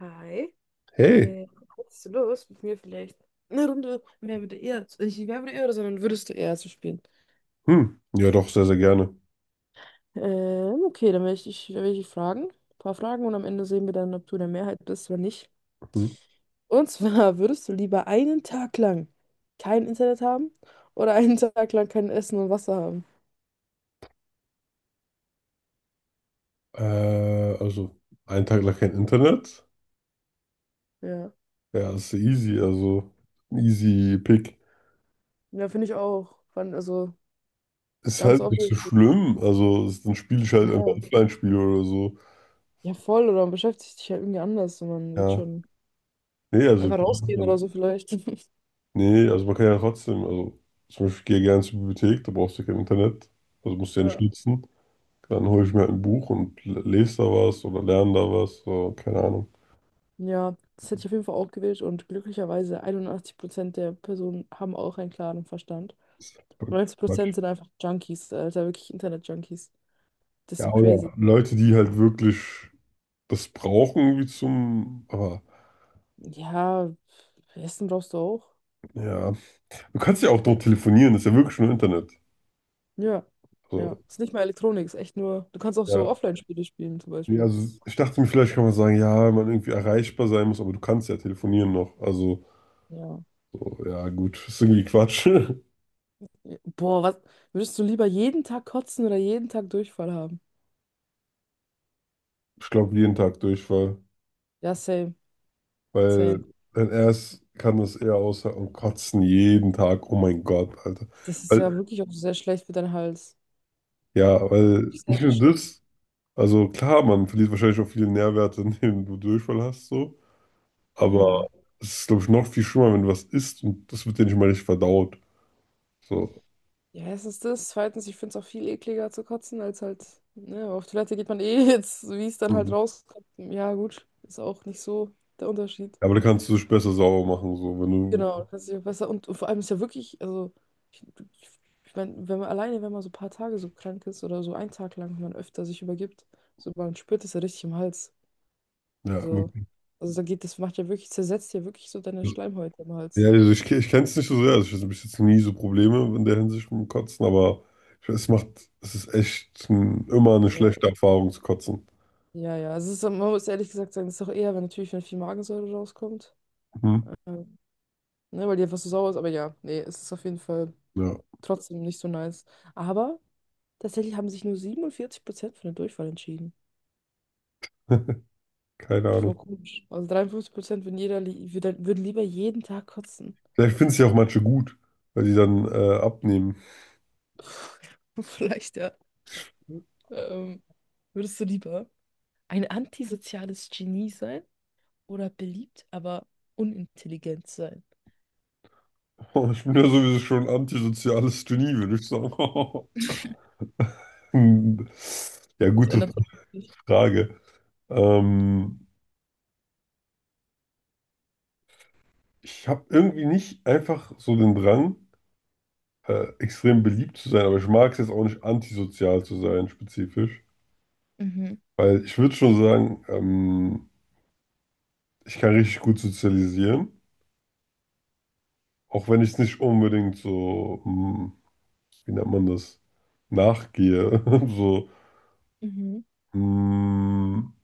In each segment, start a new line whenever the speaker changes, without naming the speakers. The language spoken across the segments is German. Hi.
Hey,
Äh, Hättest du Lust, mit mir vielleicht eine Runde Wer würde eher, nicht Wer würde eher, oder, sondern würdest du eher zu spielen?
hm, ja doch, sehr, sehr gerne.
Okay, dann werde ich dich fragen. Ein paar Fragen und am Ende sehen wir dann, ob du in der Mehrheit bist oder nicht.
Hm.
Und zwar, würdest du lieber einen Tag lang kein Internet haben oder einen Tag lang kein Essen und Wasser haben?
Äh, also, einen Tag lang kein Internet,
Ja.
ja, ist ja easy, also, easy pick.
Ja, finde ich auch. Also,
Ist
ganz
halt nicht so
obvious.
schlimm, also, ist, dann spiele ich halt
Ja.
einfach Offline-Spiele oder so.
Ja, voll, oder man beschäftigt sich halt irgendwie anders und man wird
Ja,
schon
nee,
einfach rausgehen oder
also,
so vielleicht.
nee, also man kann ja trotzdem, also, zum Beispiel, ich gehe ich gerne zur Bibliothek, da brauchst du kein Internet, also musst du ja nicht
Ja.
nutzen. Dann hole ich mir halt ein Buch und lese da was oder lerne da was, so, keine Ahnung.
Ja, das hätte ich auf jeden Fall auch gewählt und glücklicherweise 81% der Personen haben auch einen klaren Verstand.
Ist voll
neunzig
Quatsch.
Prozent sind einfach Junkies, Alter, wirklich Internet-Junkies. Das ist
Ja,
doch crazy.
oder Leute, die halt wirklich das brauchen irgendwie zum. Aber
Ja, Essen brauchst du auch.
ja, du kannst ja auch dort telefonieren, das ist ja wirklich nur Internet.
Ja, ja.
So,
Ist nicht mal Elektronik, ist echt nur. Du kannst auch so
ja.
Offline-Spiele spielen, zum
Nee,
Beispiel.
also ich dachte mir, vielleicht kann man sagen, ja, man irgendwie erreichbar sein muss, aber du kannst ja telefonieren noch. Also,
Ja.
so, ja, gut, ist irgendwie Quatsch.
Ja, Boah, was? Würdest du lieber jeden Tag kotzen oder jeden Tag Durchfall haben?
Ich glaube, jeden Tag Durchfall,
Ja, same, same.
weil wenn er es kann, das eher aushalten und kotzen jeden Tag. Oh mein Gott, Alter.
Das ist ja
Weil,
wirklich auch sehr schlecht für deinen Hals.
ja,
Das ist
weil
wirklich sehr,
nicht
sehr
nur
schlecht.
das, also klar, man verliert wahrscheinlich auch viele Nährwerte, indem du Durchfall hast, so. Aber
Ja.
es ist, glaube ich, noch viel schlimmer, wenn du was isst und das wird dir nicht mal richtig verdaut. So.
Ja, erstens das. Zweitens, ich finde es auch viel ekliger zu kotzen, als halt, ne, aber auf Toilette geht man eh jetzt, so wie es dann halt
Mhm.
rauskommt. Ja, gut, ist auch nicht so der Unterschied.
Aber da kannst du dich besser sauber machen, so, wenn du,
Genau, das kannst dich auch besser. Und vor allem ist ja wirklich, also, ich, ich, ich meine, wenn man alleine, wenn man so ein paar Tage so krank ist oder so einen Tag lang, wenn man öfter sich übergibt, so man spürt es ja richtig im Hals.
ja,
So,
wirklich.
also da geht, das macht ja wirklich, zersetzt ja wirklich so deine Schleimhäute im
Ja,
Hals.
also ich kenne es nicht so sehr, also ich hatte bis jetzt nie so Probleme in der Hinsicht mit dem Kotzen, aber ich, es macht, es ist echt ein, immer eine
Ja,
schlechte Erfahrung zu kotzen.
ja, ja. Also es ist, man muss ehrlich gesagt sagen, es ist auch eher, wenn natürlich, wenn viel Magensäure rauskommt.
Mhm.
ähm, Ne, weil die einfach so sauer ist, aber ja, nee, es ist auf jeden Fall
Ja,
trotzdem nicht so nice. Aber tatsächlich haben sich nur 47% für den Durchfall entschieden.
keine
Voll
Ahnung.
komisch. Also 53% würden, würden lieber jeden Tag kotzen.
Vielleicht finden es ja auch manche gut, weil die dann abnehmen.
Vielleicht, ja. Ähm, Würdest du lieber ein antisoziales Genie sein oder beliebt, aber unintelligent sein?
Ich bin ja sowieso schon ein antisoziales Genie, würde ich sagen. Hm. Ja,
Das
gute
ändert sich. nicht.
Frage. Ähm, Ich habe irgendwie nicht einfach so den Drang, extrem beliebt zu sein, aber ich mag es jetzt auch nicht, antisozial zu sein, spezifisch.
Mhm.
Weil ich würde schon sagen, ich kann richtig gut sozialisieren, auch wenn ich es nicht unbedingt so, hm, wie nennt man das, nachgehe. So,
Mhm.
hm,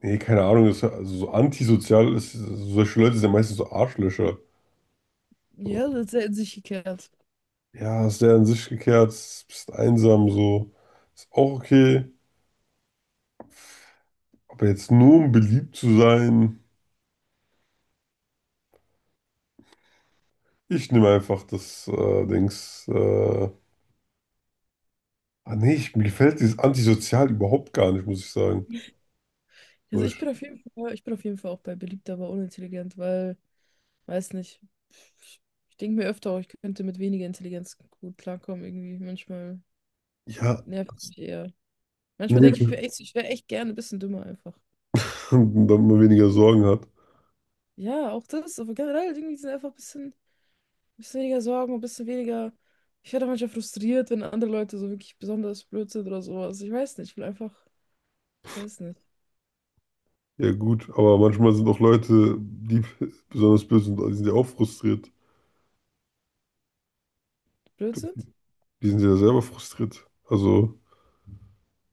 nee, keine Ahnung, ist, also so antisozial ist, solche Leute sind ja meistens so Arschlöcher. So,
Ja, das ist sehr in sich gekehrt.
ja, ist der in sich gekehrt, bist einsam, so, ist auch okay. Aber jetzt nur um beliebt zu sein, ich nehme einfach das Dings. Ah nee, ich, mir gefällt dieses Antisozial überhaupt gar nicht, muss ich sagen. So,
Also ich
ich,
bin auf jeden Fall, ich bin auf jeden Fall auch bei beliebt, aber unintelligent, weil weiß nicht. Ich denke mir öfter auch, ich könnte mit weniger Intelligenz gut klarkommen irgendwie. Manchmal
ja,
nervt
das-
mich eher. Manchmal
nee,
denke ich, mir echt, ich wäre echt gerne ein bisschen dümmer einfach.
damit man weniger Sorgen hat.
Ja, auch das, aber generell irgendwie sind einfach ein bisschen weniger Sorgen, ein bisschen weniger. Ich werde auch manchmal frustriert, wenn andere Leute so wirklich besonders blöd sind oder sowas. Ich weiß nicht, ich will einfach, ich weiß nicht,
Ja gut, aber manchmal sind auch Leute, die besonders böse sind, die sind ja auch frustriert.
blöd sind?
Die sind ja selber frustriert. Also,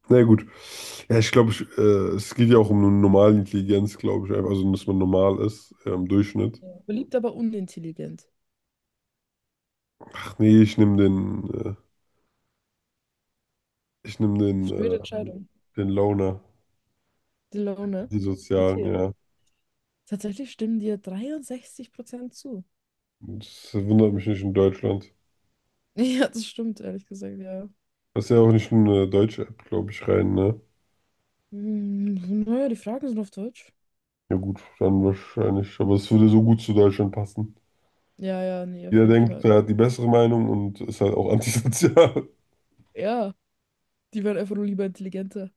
naja gut. Ja, ich glaube, es geht ja auch um eine normale Intelligenz, glaube ich. Einfach, also, dass man normal ist, im Durchschnitt.
Ja. Beliebt, aber unintelligent.
Ach nee, ich nehme den,
Schwere Entscheidung.
den Loner,
Die Laune.
die Sozialen,
Okay.
ja.
Tatsächlich stimmen dir 63% zu.
Das wundert mich nicht in Deutschland.
Ja, das stimmt, ehrlich gesagt, ja.
Das ist ja auch nicht in eine deutsche App, glaube ich, rein, ne?
Hm, naja, die Fragen sind auf Deutsch.
Ja gut, dann wahrscheinlich. Aber es würde so gut zu Deutschland passen.
Ja, ja, nee, auf
Jeder
jeden
denkt,
Fall.
er hat die bessere Meinung und ist halt auch antisozial.
Ja, die waren einfach nur lieber intelligenter.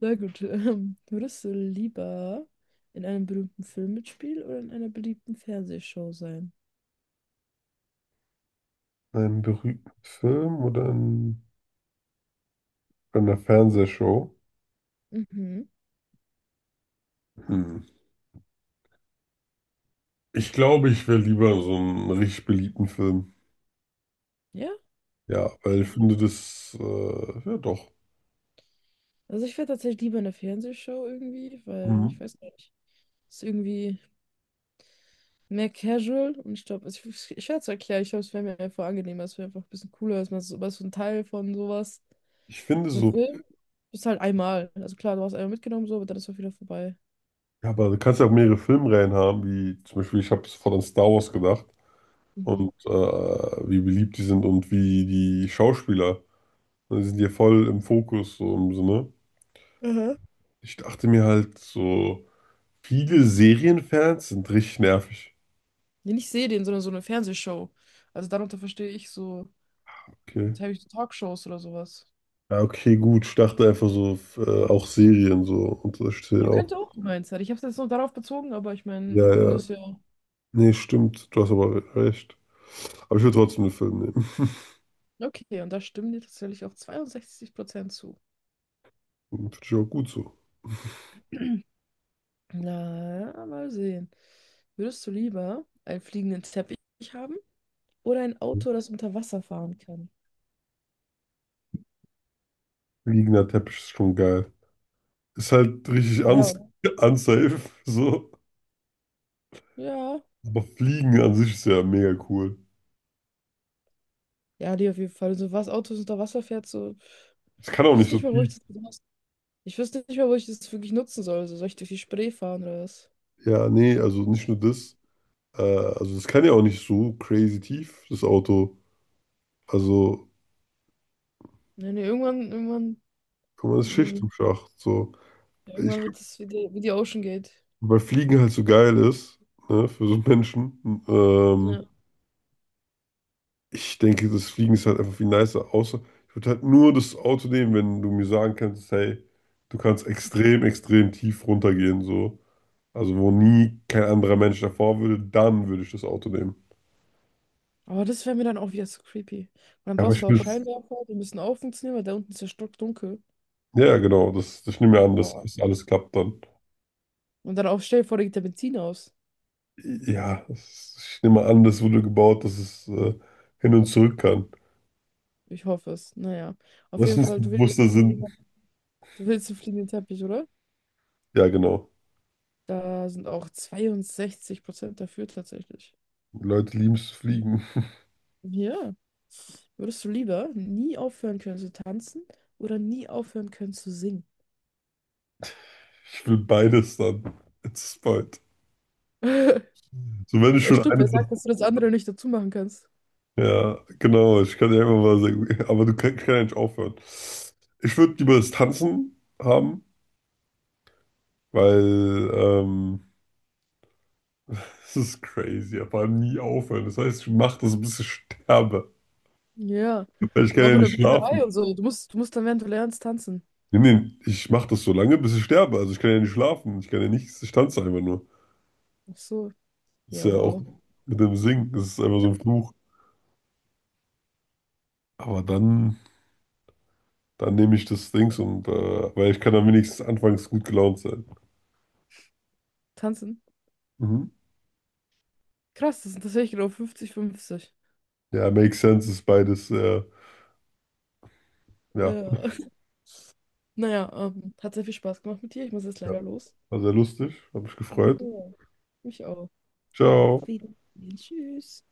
Na gut, würdest du lieber in einem berühmten Film mitspielen oder in einer beliebten Fernsehshow sein?
Ein berühmten Film oder in, bei einer Fernsehshow?
Mhm.
Hm. Ich glaube, ich wäre lieber so einen richtig beliebten Film.
Ja,
Ja, weil ich
okay.
finde das, ja doch.
Also ich wäre tatsächlich lieber in der Fernsehshow irgendwie, weil ich
Mhm.
weiß nicht, ist irgendwie mehr casual und ich glaube, ich werde es erklären, ich glaube, es wäre mir einfach angenehmer, es wäre einfach ein bisschen cooler, dass man so ein Teil von sowas.
Ich finde
So ein
so
Film bist halt einmal. Also klar, du hast einmal mitgenommen, so, aber dann ist auch wieder vorbei.
ja, aber du kannst ja auch mehrere Filmreihen haben, wie zum Beispiel, ich habe sofort an Star Wars gedacht
Mhm.
und wie beliebt die sind und wie die Schauspieler. Die sind ja voll im Fokus, so im Sinne.
Mhm.
Ich dachte mir halt so, viele Serienfans sind richtig nervig.
Nee, nicht Serien, sondern so eine Fernsehshow. Also darunter verstehe ich so,
Okay.
jetzt habe ich so Talkshows oder sowas.
Ja, okay, gut. Ich dachte einfach so, auch Serien so und das stehen
Ihr
auch.
könnt auch gemeint sein. Ich habe es jetzt nur darauf bezogen, aber ich meine, wir
Ja,
können
ja.
es ja.
Nee, stimmt. Du hast aber recht. Aber ich würde trotzdem den Film nehmen.
Okay, und da stimmen dir tatsächlich auch 62% zu.
Finde ich auch gut so.
Na, mal sehen. Würdest du lieber einen fliegenden Teppich haben oder ein Auto, das unter Wasser fahren kann?
Liegender Teppich ist schon geil. Ist halt richtig
Ja,
uns
oder?
unsafe, so.
Ja.
Aber Fliegen an sich ist ja mega cool.
Ja, die auf jeden Fall. So was Autos unter Wasser fährt, so.
Es kann auch
Ich
nicht
wüsste
so
nicht mal, wo
tief.
ich das besonders. Ich wüsste nicht mal, wo ich das wirklich nutzen soll. So, soll ich durch die Spree fahren oder was?
Ja, nee, also nicht nur
So.
das. Also es kann ja auch nicht so crazy tief, das Auto. Also
Nee, nee, irgendwann, irgendwann,
kann man das Schicht
mh,
im Schacht. So. Ich,
irgendwann wird es wie die, Ocean Gate.
weil Fliegen halt so geil ist, ne, für so einen Menschen. Ähm,
Ja.
Ich denke, das Fliegen ist halt einfach viel nicer. Außer ich würde halt nur das Auto nehmen, wenn du mir sagen kannst, hey, du kannst extrem, extrem tief runtergehen, so. Also wo nie kein anderer Mensch davor würde, dann würde ich das Auto nehmen.
Aber das wäre mir dann auch wieder zu creepy. Und dann
Aber
brauchst
ich
du auch
will es.
Scheinwerfer, die müssen auch funktionieren, weil da unten ist ja stockdunkel.
Ja, genau, das, ich nehme an, dass
Boah.
das alles klappt dann.
Und dann auch stell dir vor, da geht der Benzin aus.
Ja, das, ich nehme an, das wurde gebaut, dass es hin und zurück kann.
Ich hoffe es. Naja. Auf
Was
jeden
ist
Fall,
ein bewusster Sinn?
du willst einen fliegenden Teppich, oder?
Ja, genau.
Da sind auch 62% dafür tatsächlich.
Die Leute lieben es zu fliegen.
Ja, würdest du lieber nie aufhören können zu tanzen oder nie aufhören können zu singen?
Ich will beides dann. It's bald. So, wenn ich
Ja,
schon
stimmt,
eine
wer
Sache.
sagt, dass du das andere nicht dazu machen kannst?
Ja, genau, ich kann ja immer mal sagen, aber du kannst kann ja nicht aufhören. Ich würde lieber das Tanzen haben, weil das ist crazy, aber nie aufhören. Das heißt, ich mache das, bis ich sterbe.
Ja,
Weil ich
und
kann
auch
ja
in der
nicht
Bücherei
schlafen.
und so. Du musst dann, während du lernst, tanzen.
Nee, nee, ich mache das so lange, bis ich sterbe. Also ich kann ja nicht schlafen. Ich kann ja nichts. Ich tanze einfach nur.
Ach so,
Das ist
ja,
ja auch
wow.
mit dem Singen. Das ist einfach so ein Fluch. Aber dann, dann nehme ich das Dings und, weil ich kann dann wenigstens anfangs gut gelaunt sein.
Tanzen?
Mhm.
Krass, das sind tatsächlich genau 50, 50.
Ja, makes sense ist beides. Ja,
Ja. Naja, hat sehr viel Spaß gemacht mit dir. Ich muss jetzt
ja,
leider los.
war sehr lustig. Hab mich gefreut.
Ja, mich auch. Auf
Ciao.
Wiedersehen. Tschüss.